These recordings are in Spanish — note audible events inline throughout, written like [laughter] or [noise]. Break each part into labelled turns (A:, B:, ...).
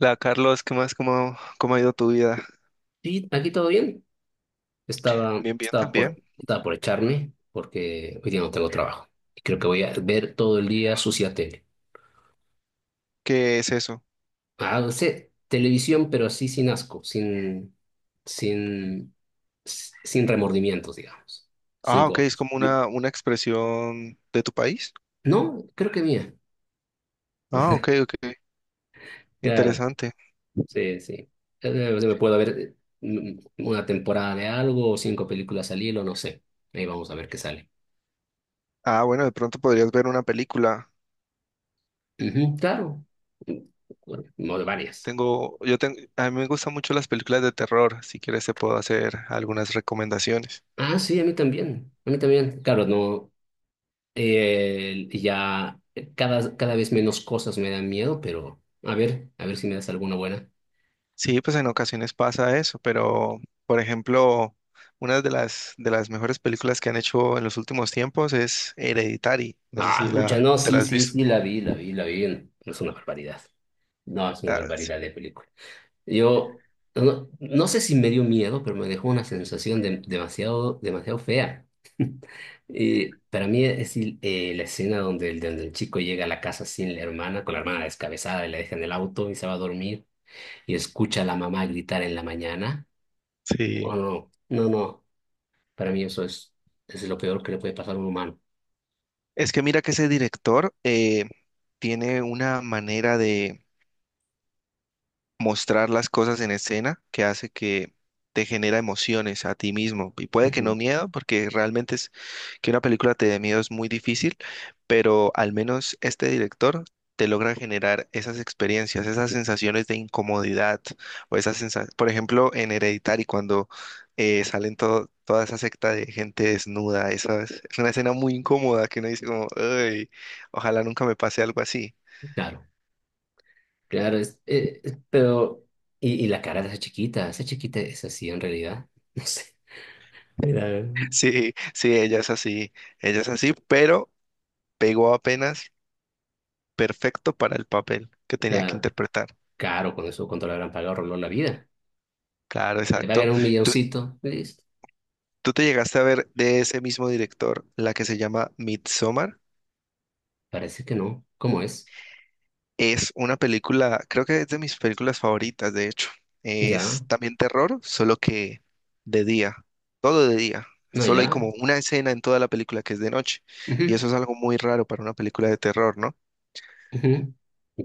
A: Hola Carlos, ¿qué más? ¿¿Cómo ha ido tu vida?
B: Sí, aquí todo bien. Estaba,
A: Bien, bien
B: estaba
A: también.
B: por, estaba por echarme porque hoy día no tengo trabajo. Y creo que voy a ver todo el día sucia tele.
A: ¿Qué es eso?
B: Ah, no sé, televisión, pero así sin asco, sin, sin remordimientos, digamos. Sin
A: Ah, ok, es
B: cosas.
A: como una expresión de tu país.
B: No, creo que mía.
A: Ah, ok, ok,
B: Claro,
A: interesante.
B: sí, sí. O sea, me puedo ver una temporada de algo o cinco películas al hilo, no sé. Ahí vamos a ver qué sale.
A: Ah, bueno, de pronto podrías ver una película.
B: Ujú, claro. Mm, Bueno, no, de varias.
A: A mí me gustan mucho las películas de terror. Si quieres te puedo hacer algunas recomendaciones.
B: Ah, sí, a mí también, a mí también. Claro, no, ya cada vez menos cosas me dan miedo, pero a ver si me das alguna buena.
A: Sí, pues en ocasiones pasa eso, pero por ejemplo, una de las mejores películas que han hecho en los últimos tiempos es Hereditary. No sé si
B: Ah, pucha,
A: la
B: no,
A: te la
B: sí,
A: has
B: sí,
A: visto.
B: sí, la vi, la vi, la vi. No es una barbaridad. No, es una
A: Ah, sí.
B: barbaridad de película. Yo no sé si me dio miedo, pero me dejó una sensación demasiado, demasiado fea. [laughs] Y para mí es la escena donde el chico llega a la casa sin la hermana, con la hermana descabezada y la deja en el auto y se va a dormir. Y escucha a la mamá gritar en la mañana.
A: Sí.
B: O no, no, no, para mí eso es lo peor que le puede pasar a un humano.
A: Es que mira que ese director tiene una manera de mostrar las cosas en escena que hace que te genera emociones a ti mismo. Y puede que
B: Ujú.
A: no miedo, porque realmente es que una película te dé miedo es muy difícil, pero al menos este director te logra generar esas experiencias, esas sensaciones de incomodidad o esas sensaciones, por ejemplo, en Hereditary cuando salen toda esa secta de gente desnuda, esa es una escena muy incómoda que uno dice como, "Ay, ojalá nunca me pase algo así".
B: Claro, claro, pero, y la cara de esa chiquita es así en realidad, [laughs] no sé, mira,
A: [laughs] Sí, sí, ella es así, pero pegó apenas perfecto para el papel que tenía que
B: claro,
A: interpretar.
B: caro con eso, cuánto le habrán pagado, roló la vida,
A: Claro,
B: y le pagan
A: exacto.
B: un
A: ¿Tú,
B: milloncito, listo,
A: tú te llegaste a ver de ese mismo director, la que se llama Midsommar?
B: parece que no, ¿cómo es?
A: Es una película, creo que es de mis películas favoritas, de hecho.
B: Ya,
A: Es también terror, solo que de día, todo de día.
B: no,
A: Solo hay
B: ya,
A: como una escena en toda la película que es de noche. Y
B: ujú,
A: eso es algo muy raro para una película de terror, ¿no?
B: ujú,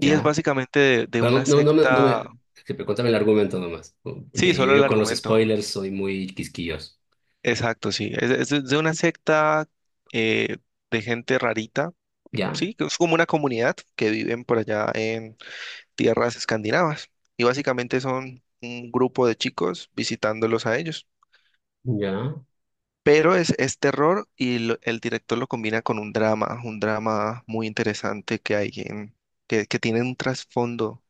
A: Y es básicamente de
B: Pero no,
A: una
B: no, no me, no
A: secta,
B: me- que- pero cuéntame el argumento nomás, ¿no?
A: sí,
B: Porque yo,
A: solo el
B: yo con los
A: argumento,
B: spoilers soy muy quisquilloso.
A: exacto, sí. Es de una secta eh, de gente rarita,
B: Ya,
A: sí, que es como una comunidad que viven por allá en tierras escandinavas. Y básicamente son un grupo de chicos visitándolos a ellos.
B: ya.
A: Pero es terror y el director lo combina con un drama muy interesante que hay en, que tiene un trasfondo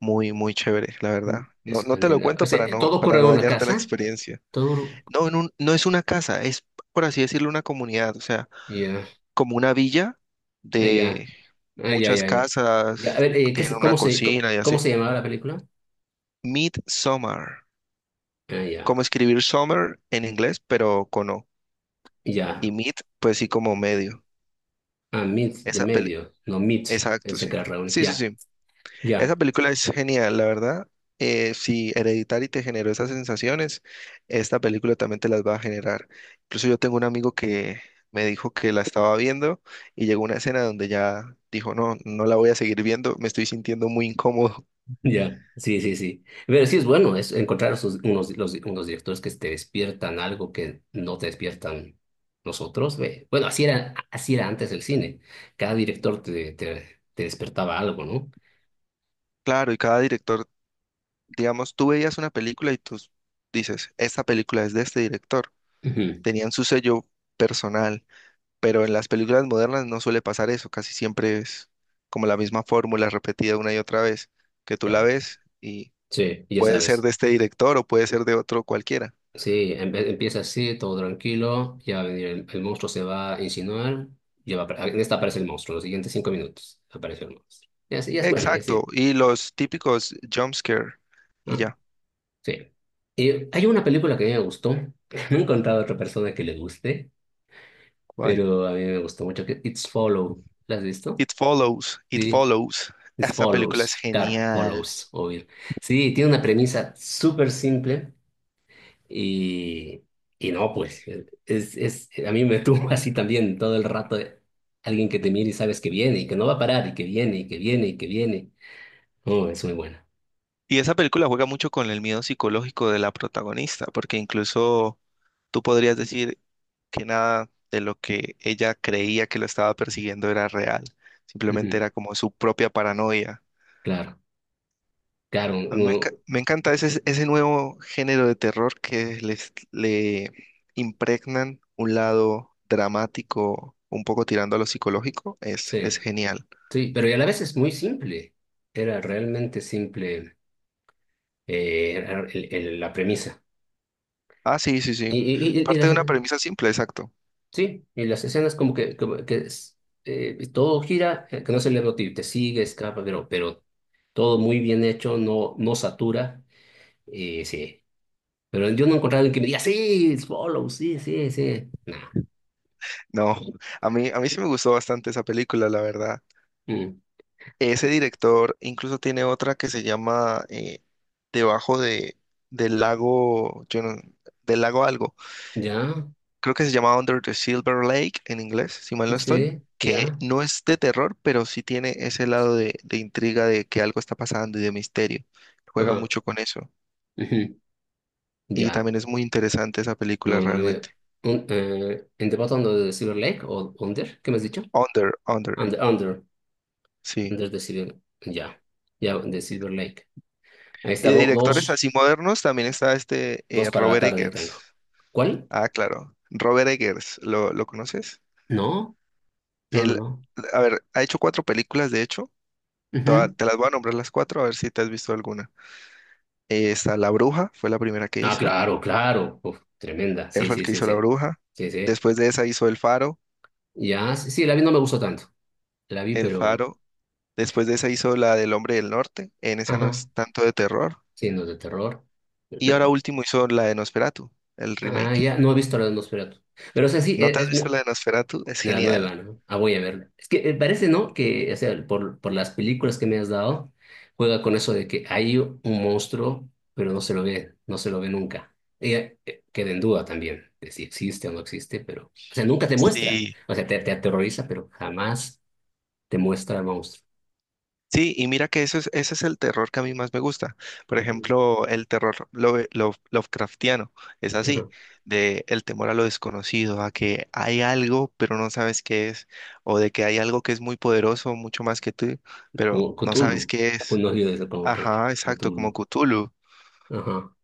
A: muy, muy chévere, la verdad. No, no te lo
B: Escandinavia. O
A: cuento
B: sea, todo
A: para
B: ocurre en
A: no
B: una
A: dañarte la
B: casa.
A: experiencia.
B: Todo.
A: No, no es una casa, es por así decirlo, una comunidad. O sea,
B: Ya,
A: como una villa
B: ah, ya,
A: de
B: ah, ya,
A: muchas
B: ya, ya. Ya, a
A: casas,
B: ver, ¿qué
A: tienen
B: se-
A: una
B: cómo se, co-
A: cocina y
B: cómo
A: así.
B: se llamaba la película?
A: Midsummer,
B: Ah, ya,
A: como escribir summer en inglés, pero con O.
B: ya.
A: Y mid, pues sí, como medio.
B: Ah, Meet de
A: Esa peli,
B: medio. No, Meet.
A: exacto,
B: Pensé
A: sí.
B: que era reunir.
A: Sí, sí,
B: Ya,
A: sí. Esa
B: ya.
A: película es genial, la verdad. Si Hereditary te generó esas sensaciones, esta película también te las va a generar. Incluso yo tengo un amigo que me dijo que la estaba viendo y llegó una escena donde ya dijo, no, no la voy a seguir viendo, me estoy sintiendo muy incómodo.
B: Ya, sí, sí, sí. Pero sí es bueno es encontrar unos, unos directores que te despiertan algo que no te despiertan nosotros. Ve. Bueno, así era antes el cine. Cada director te despertaba algo, ¿no?
A: Claro, y cada director, digamos, tú veías una película y tú dices, esta película es de este director.
B: Ujú.
A: Tenían su sello personal, pero en las películas modernas no suele pasar eso, casi siempre es como la misma fórmula repetida una y otra vez, que tú la
B: Ya,
A: ves y
B: sí, ya
A: puede ser
B: sabes.
A: de este director o puede ser de otro cualquiera.
B: Sí, empieza así, todo tranquilo, ya va a venir el monstruo, se va a insinuar, en esta aparece el monstruo, los siguientes cinco minutos aparece el monstruo. Y así, ya es bueno, y
A: Exacto,
B: así.
A: y los típicos jump scare y
B: Ah.
A: ya.
B: Sí. Y hay una película que a mí me gustó. [laughs] No he encontrado a otra persona que le guste,
A: ¿Cuál?
B: pero a mí me gustó mucho, que It's Follow. ¿La has visto?
A: It Follows, It
B: Sí,
A: Follows. [laughs]
B: It's
A: Esa película es
B: Follows. Claro,
A: genial.
B: Follows, oír. Sí, tiene una premisa súper simple y, y no, pues, a mí me [laughs] tuvo así también todo el rato de alguien que te mira y sabes que viene y que no va a parar y que viene y que viene y que viene. Oh, es muy buena.
A: Y esa película juega mucho con el miedo psicológico de la protagonista, porque incluso tú podrías decir que nada de lo que ella creía que lo estaba persiguiendo era real, simplemente
B: Ujú,
A: era como su propia paranoia.
B: claro, claro,
A: A mí me, enca-
B: no,
A: me encanta ese nuevo género de terror que le impregnan un lado dramático, un poco tirando a lo psicológico, es
B: sí.
A: genial.
B: Sí, pero y a la vez es muy simple. Era realmente simple, era la premisa.
A: Ah, sí, sí, sí.
B: Y
A: Parte
B: las,
A: de una premisa simple, exacto.
B: sí, y las escenas como que, todo gira, que no es el libro, te sigue, escapa, pero todo muy bien hecho, no satura. Y sí, pero yo no he encontrado alguien que me diga, sí, it's follow, sí, sí, sí. No.
A: No, a mí sí me gustó bastante esa película, la verdad.
B: Mm.
A: Ese director incluso tiene otra que se llama debajo de, del lago, yo no- del lago algo.
B: Ya,
A: Creo que se llama Under the Silver Lake en inglés, si mal no estoy,
B: sí,
A: que
B: ya.
A: no es de terror, pero sí tiene ese lado de intriga de que algo está pasando y de misterio. Juega
B: Ajá.
A: mucho con eso.
B: Ujú,
A: Y
B: ya.
A: también es muy interesante esa película
B: No, no, no.
A: realmente.
B: ¿En The Bottom of the Silver Lake o Under? ¿Qué me has dicho?
A: Under, Under,
B: Under, Under,
A: sí.
B: Under the Silver. Ya, ya, de Silver Lake. Ahí
A: Y
B: está,
A: de directores
B: dos,
A: así modernos también está este
B: dos para la
A: Robert
B: tarde ya
A: Eggers.
B: tengo. ¿Cuál?
A: Ah, claro. Robert Eggers, lo conoces?
B: No, no, no,
A: Él,
B: no.
A: a ver, ha hecho cuatro películas, de hecho.
B: Ujú.
A: Te las voy a nombrar las cuatro, a ver si te has visto alguna. Está La Bruja, fue la primera que
B: Ah,
A: hizo.
B: claro, claro. Uf, tremenda.
A: Él
B: Sí,
A: fue el
B: sí,
A: que
B: sí,
A: hizo La
B: sí.
A: Bruja.
B: Sí, sí.
A: Después de esa hizo El Faro,
B: Ya, sí, sí, la vi, no me gustó tanto. La vi,
A: El
B: pero.
A: Faro. Después de esa hizo la del Hombre del Norte. En esa no
B: Ajá.
A: es tanto de terror.
B: Sí, no es de terror.
A: Y
B: Pe-
A: ahora último hizo la de Nosferatu, el
B: Ah,
A: remake.
B: ya, no he visto la de Nosferatu. Pero, o sea, sí,
A: ¿No te has visto la de Nosferatu? Es
B: de la nueva,
A: genial.
B: ¿no? Ah, voy a verla. Es que parece, ¿no? Que, o sea, por las películas que me has dado, juega con eso de que hay un monstruo, pero no se lo ve, no se lo ve nunca. Y, queda en duda también de si existe o no existe, pero, o sea, nunca te muestra.
A: Sí,
B: O sea, te aterroriza, pero jamás te muestra el monstruo.
A: sí, y mira que eso es, ese es el terror que a mí más me gusta. Por
B: Ujú.
A: ejemplo, el terror Lovecraftiano es así,
B: Ajá.
A: de el temor a lo desconocido, a que hay algo pero no sabes qué es, o de que hay algo que es muy poderoso, mucho más que tú, pero
B: Como
A: no sabes
B: Cthulhu,
A: qué es.
B: un oído de eso como que
A: Ajá, exacto, como
B: Cthulhu.
A: Cthulhu.
B: Ajá.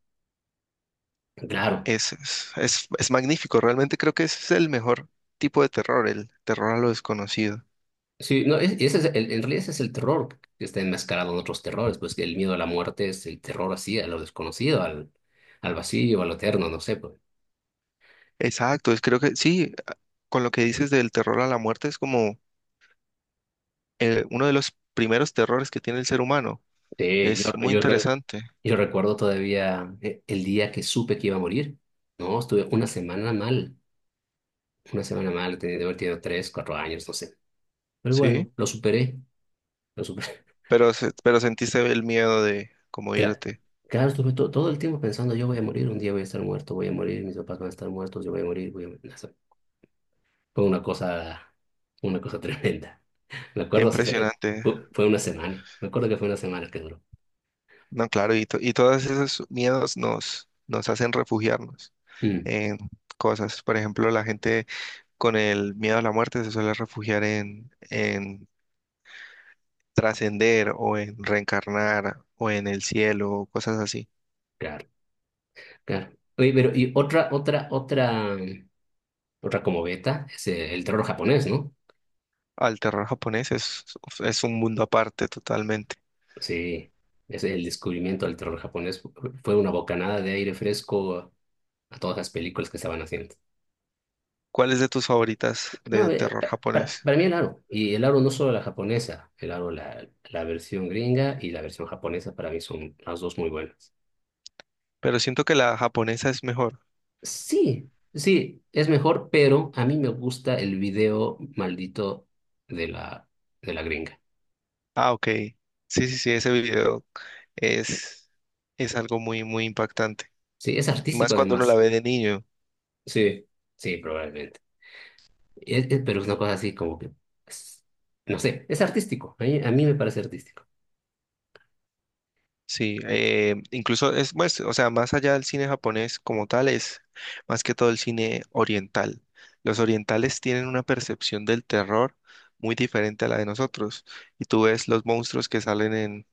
B: Claro.
A: Es, es magnífico, realmente creo que ese es el mejor tipo de terror, el terror a lo desconocido.
B: Sí, no, ese es en realidad ese es el terror que está enmascarado en otros terrores, pues que el miedo a la muerte es el terror así, a lo desconocido, al vacío, a lo eterno, no sé, pues.
A: Exacto, es, creo que sí, con lo que dices del terror a la muerte es como uno de los primeros terrores que tiene el ser humano.
B: Sí,
A: Es
B: yo,
A: muy
B: yo, re-
A: interesante,
B: yo recuerdo todavía el día que supe que iba a morir, ¿no? Estuve una semana mal, tenía de haber tenido tres, cuatro años, no sé. Pero
A: ¿sí?
B: bueno, lo superé, lo superé.
A: Pero, pero sentiste el miedo de
B: [laughs]
A: cómo
B: Cla-
A: irte.
B: Claro, estuve todo el tiempo pensando, yo voy a morir, un día voy a estar muerto, voy a morir, mis papás van a estar muertos, yo voy a morir, voy a morir. Fue una cosa tremenda. Me
A: Qué
B: acuerdo, o sea,
A: impresionante.
B: fue una semana. Me acuerdo que fue una semana que duró.
A: No, claro, y todos esos miedos nos hacen refugiarnos
B: Mm,
A: en cosas. Por ejemplo, la gente con el miedo a la muerte se suele refugiar en trascender o en reencarnar o en el cielo o cosas así.
B: claro, claro. Oye, pero y otra como beta es el terror japonés, ¿no?
A: Al terror japonés es un mundo aparte totalmente.
B: Sí, es el descubrimiento del terror japonés fue una bocanada de aire fresco a todas las películas que estaban haciendo.
A: ¿Cuál es de tus favoritas
B: No,
A: de terror
B: pa- para,
A: japonés?
B: para mí el aro, y el aro no solo la japonesa, el aro la versión gringa y la versión japonesa para mí son las dos muy buenas.
A: Pero siento que la japonesa es mejor.
B: Sí, sí, es mejor, pero a mí me gusta el video maldito de la, de la gringa.
A: Ah, ok. Sí, sí, sí, ese video es, es algo muy, muy impactante.
B: Sí, es artístico
A: Más cuando uno la
B: además.
A: ve de niño.
B: Sí, sí, probablemente. Pero es una cosa así como que, es- no sé, es artístico. A mí me parece artístico.
A: Sí, incluso es, pues, o sea, más allá del cine japonés como tal, es más que todo el cine oriental. Los orientales tienen una percepción del terror muy diferente a la de nosotros. Y tú ves los monstruos que salen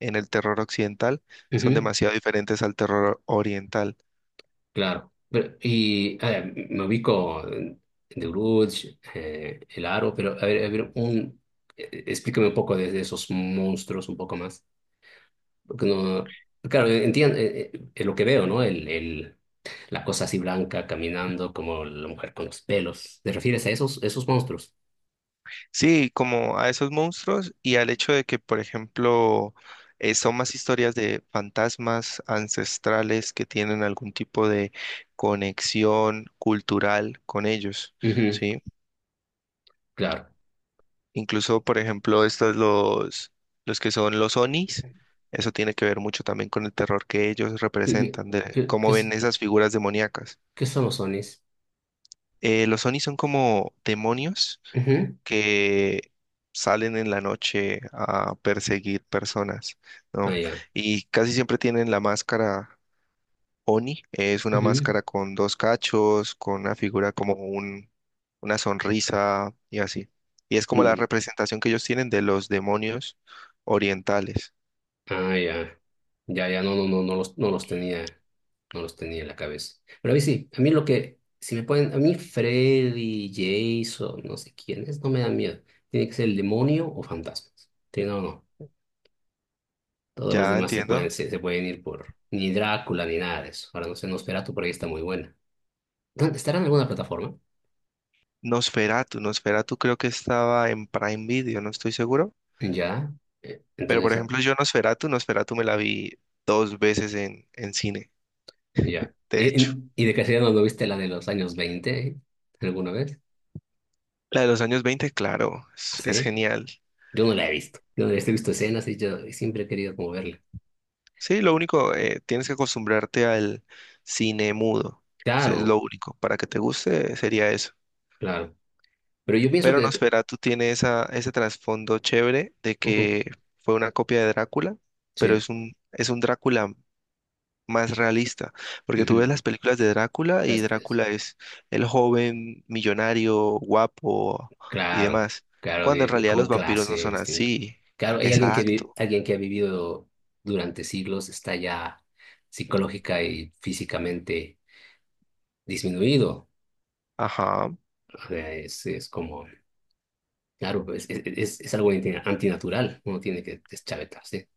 A: en el terror occidental, son
B: Ujú,
A: demasiado diferentes al terror oriental.
B: claro. Y a ver, me ubico en The Grudge, El Aro, pero a ver, explícame un poco de esos monstruos un poco más. Porque no, claro, entiendo lo que veo, ¿no? La cosa así blanca caminando como la mujer con los pelos. ¿Te refieres a esos monstruos?
A: Sí, como a esos monstruos y al hecho de que, por ejemplo, son más historias de fantasmas ancestrales que tienen algún tipo de conexión cultural con ellos,
B: Ujú,
A: ¿sí?
B: claro.
A: Incluso, por ejemplo, los que son los onis, eso tiene que ver mucho también con el terror que ellos
B: ¿Qué, qué,
A: representan, de
B: qué- qué
A: cómo ven
B: es-
A: esas figuras demoníacas.
B: qué son los onis?
A: Los onis son como demonios
B: Ujú,
A: que salen en la noche a perseguir personas, ¿no?
B: ah, ya.
A: Y casi siempre tienen la máscara Oni, es una
B: Ujú,
A: máscara con dos cachos, con una figura como un, una sonrisa y así. Y es como la
B: mm,
A: representación que ellos tienen de los demonios orientales.
B: ah, ya. Ya, ya, no, no, no, no los tenía, no los tenía en la cabeza. Pero a mí sí, a mí lo que, si me ponen, a mí Freddy, Jason, no sé quién es, no me da miedo. Tiene que ser el demonio o fantasmas. Sí, no, no. Todos los
A: Ya
B: demás se pueden,
A: entiendo.
B: se, se pueden ir por ni Drácula ni nada de eso. Ahora no sé, Nosferatu por ahí está muy buena. ¿Estará en alguna plataforma?
A: Nosferatu, Nosferatu creo que estaba en Prime Video, no estoy seguro.
B: Ya.
A: Pero por
B: Entonces, ah,
A: ejemplo, yo Nosferatu, Nosferatu me la vi dos veces en cine,
B: ya.
A: de
B: ¿Y,
A: hecho.
B: en- y de casualidad no viste la de los años 20 alguna vez?
A: La de los años 20, claro, es
B: ¿Así?
A: genial.
B: Yo no la he visto. He visto escenas y yo siempre he querido como verla.
A: Sí, lo único, tienes que acostumbrarte al cine mudo. Eso es
B: Claro,
A: lo único. Para que te guste sería eso.
B: claro. Pero yo pienso
A: Pero
B: que...
A: Nosferatu tiene esa, ese trasfondo chévere de
B: Ujú,
A: que fue una copia de Drácula, pero
B: sí.
A: es un Drácula más realista. Porque tú
B: Ujú.
A: ves las películas de Drácula y
B: Pues,
A: Drácula es el joven millonario, guapo y
B: claro,
A: demás.
B: claro,
A: Cuando en realidad los
B: con
A: vampiros no
B: clase,
A: son
B: distingue.
A: así.
B: Claro, hay alguien que, vi-
A: Exacto.
B: alguien que ha vivido durante siglos está ya psicológica y físicamente disminuido.
A: Ajá.
B: O sea, es como, claro, pues, es algo antinatural, uno tiene que deschavetarse.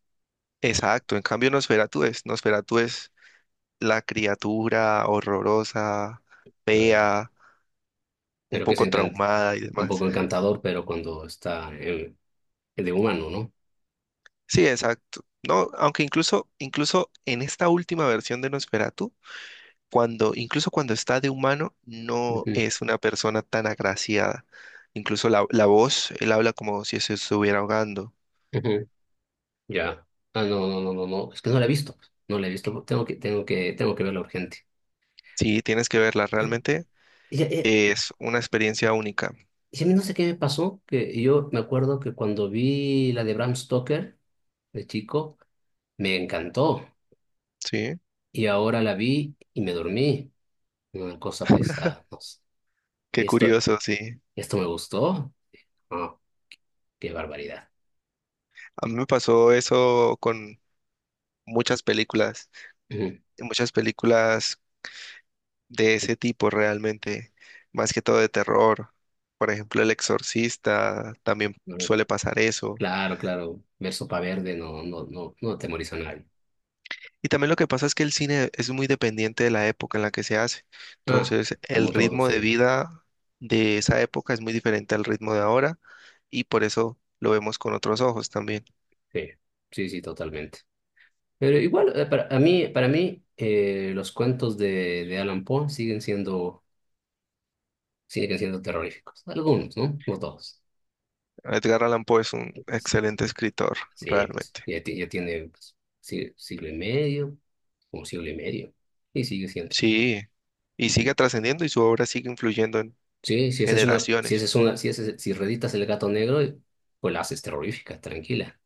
A: Exacto, en cambio Nosferatu es la criatura horrorosa,
B: Eh,
A: fea, un
B: Pero que es
A: poco traumada y
B: un
A: demás.
B: poco encantador, pero cuando está de humano, ¿no?
A: Sí, exacto. No, aunque incluso, incluso en esta última versión de Nosferatu, cuando, incluso cuando está de humano, no
B: Ujú,
A: es una persona tan agraciada. Incluso la, la voz, él habla como si se estuviera ahogando.
B: ujú, ya. Ah, no, no, no, no, no, es que no la he visto, no la he visto, tengo que verla urgente.
A: Sí, tienes que verla, realmente es una experiencia única.
B: Y sí, no sé qué me pasó, que yo me acuerdo que cuando vi la de Bram Stoker, de chico, me encantó.
A: Sí,
B: Y ahora la vi y me dormí. Una cosa pesada, no sé.
A: qué
B: ¿Qué esto,
A: curioso, sí.
B: esto me gustó? Ah, qué barbaridad.
A: A mí me pasó eso muchas películas,
B: Ujú.
A: muchas películas de ese tipo realmente, más que todo de terror. Por ejemplo, El Exorcista, también suele pasar eso.
B: Claro, claro. Ver Sopa Verde no atemoriza a nadie.
A: Y también lo que pasa es que el cine es muy dependiente de la época en la que se hace.
B: Ah,
A: Entonces, el
B: como todo,
A: ritmo de
B: sí.
A: vida de esa época es muy diferente al ritmo de ahora y por eso lo vemos con otros ojos también.
B: Sí, sí, sí, totalmente. Pero igual, para mí los cuentos de Alan Poe siguen siendo terroríficos. Algunos, ¿no? No todos.
A: Edgar Allan Poe es un
B: Pues,
A: excelente escritor,
B: sí, pues
A: realmente.
B: ya tiene pues, siglo y medio, un siglo y medio, y sigue siendo.
A: Sí, y
B: Ujú.
A: sigue trascendiendo y su obra sigue influyendo en
B: Sí,
A: generaciones.
B: si reditas el gato negro, pues la haces terrorífica, tranquila.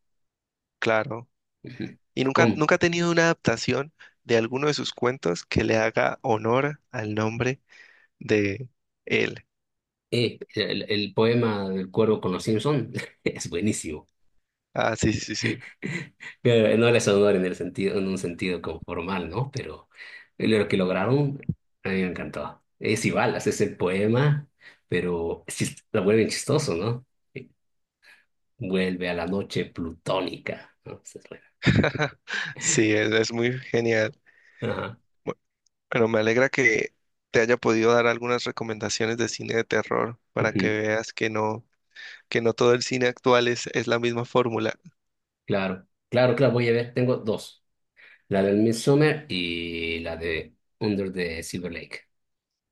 A: Claro.
B: Ujú.
A: ¿Y nunca,
B: Um,
A: nunca ha tenido una adaptación de alguno de sus cuentos que le haga honor al nombre de él?
B: el poema del cuervo con los Simpson [laughs] es buenísimo.
A: Ah, sí, sí, sí.
B: Pero no les honor en el sentido, en un sentido como formal, ¿no? Pero lo que lograron a mí me encantó. Es igual, haces el poema, pero sí es lo vuelven chistoso, ¿no? Eh, Vuelve a la noche plutónica, ¿no? Esa es buena.
A: [laughs] Sí, es muy genial.
B: Ajá.
A: Bu- Bueno, me alegra que te haya podido dar algunas recomendaciones de cine de terror para que
B: Ujú.
A: veas que no todo el cine actual es la misma fórmula.
B: Claro, claro, claro, voy a ver, tengo dos. La del Midsummer y la de Under the Silver Lake.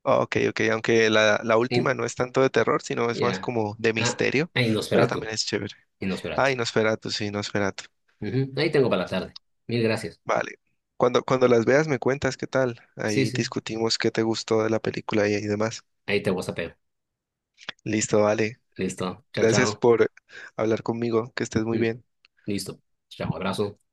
A: Ah, ok, ok, aunque la última
B: Y-
A: no es tanto de terror, sino es más
B: Ya.
A: como de
B: Ah,
A: misterio,
B: ah, y
A: pero
B: Nosferatu.
A: también es chévere.
B: Y
A: Ah,
B: Nosferatu.
A: y Nosferatu, sí, Nosferatu.
B: Ujú. Ahí tengo para la tarde. Mil gracias.
A: Vale. Cuando, cuando las veas me cuentas qué tal.
B: Sí,
A: Ahí
B: sí.
A: discutimos qué te gustó de la película y demás.
B: Ahí te WhatsApp.
A: Listo, vale.
B: Listo. Chao,
A: Gracias
B: chao.
A: por hablar conmigo. Que estés muy
B: Mm,
A: bien.
B: Listo. Chao, abrazo.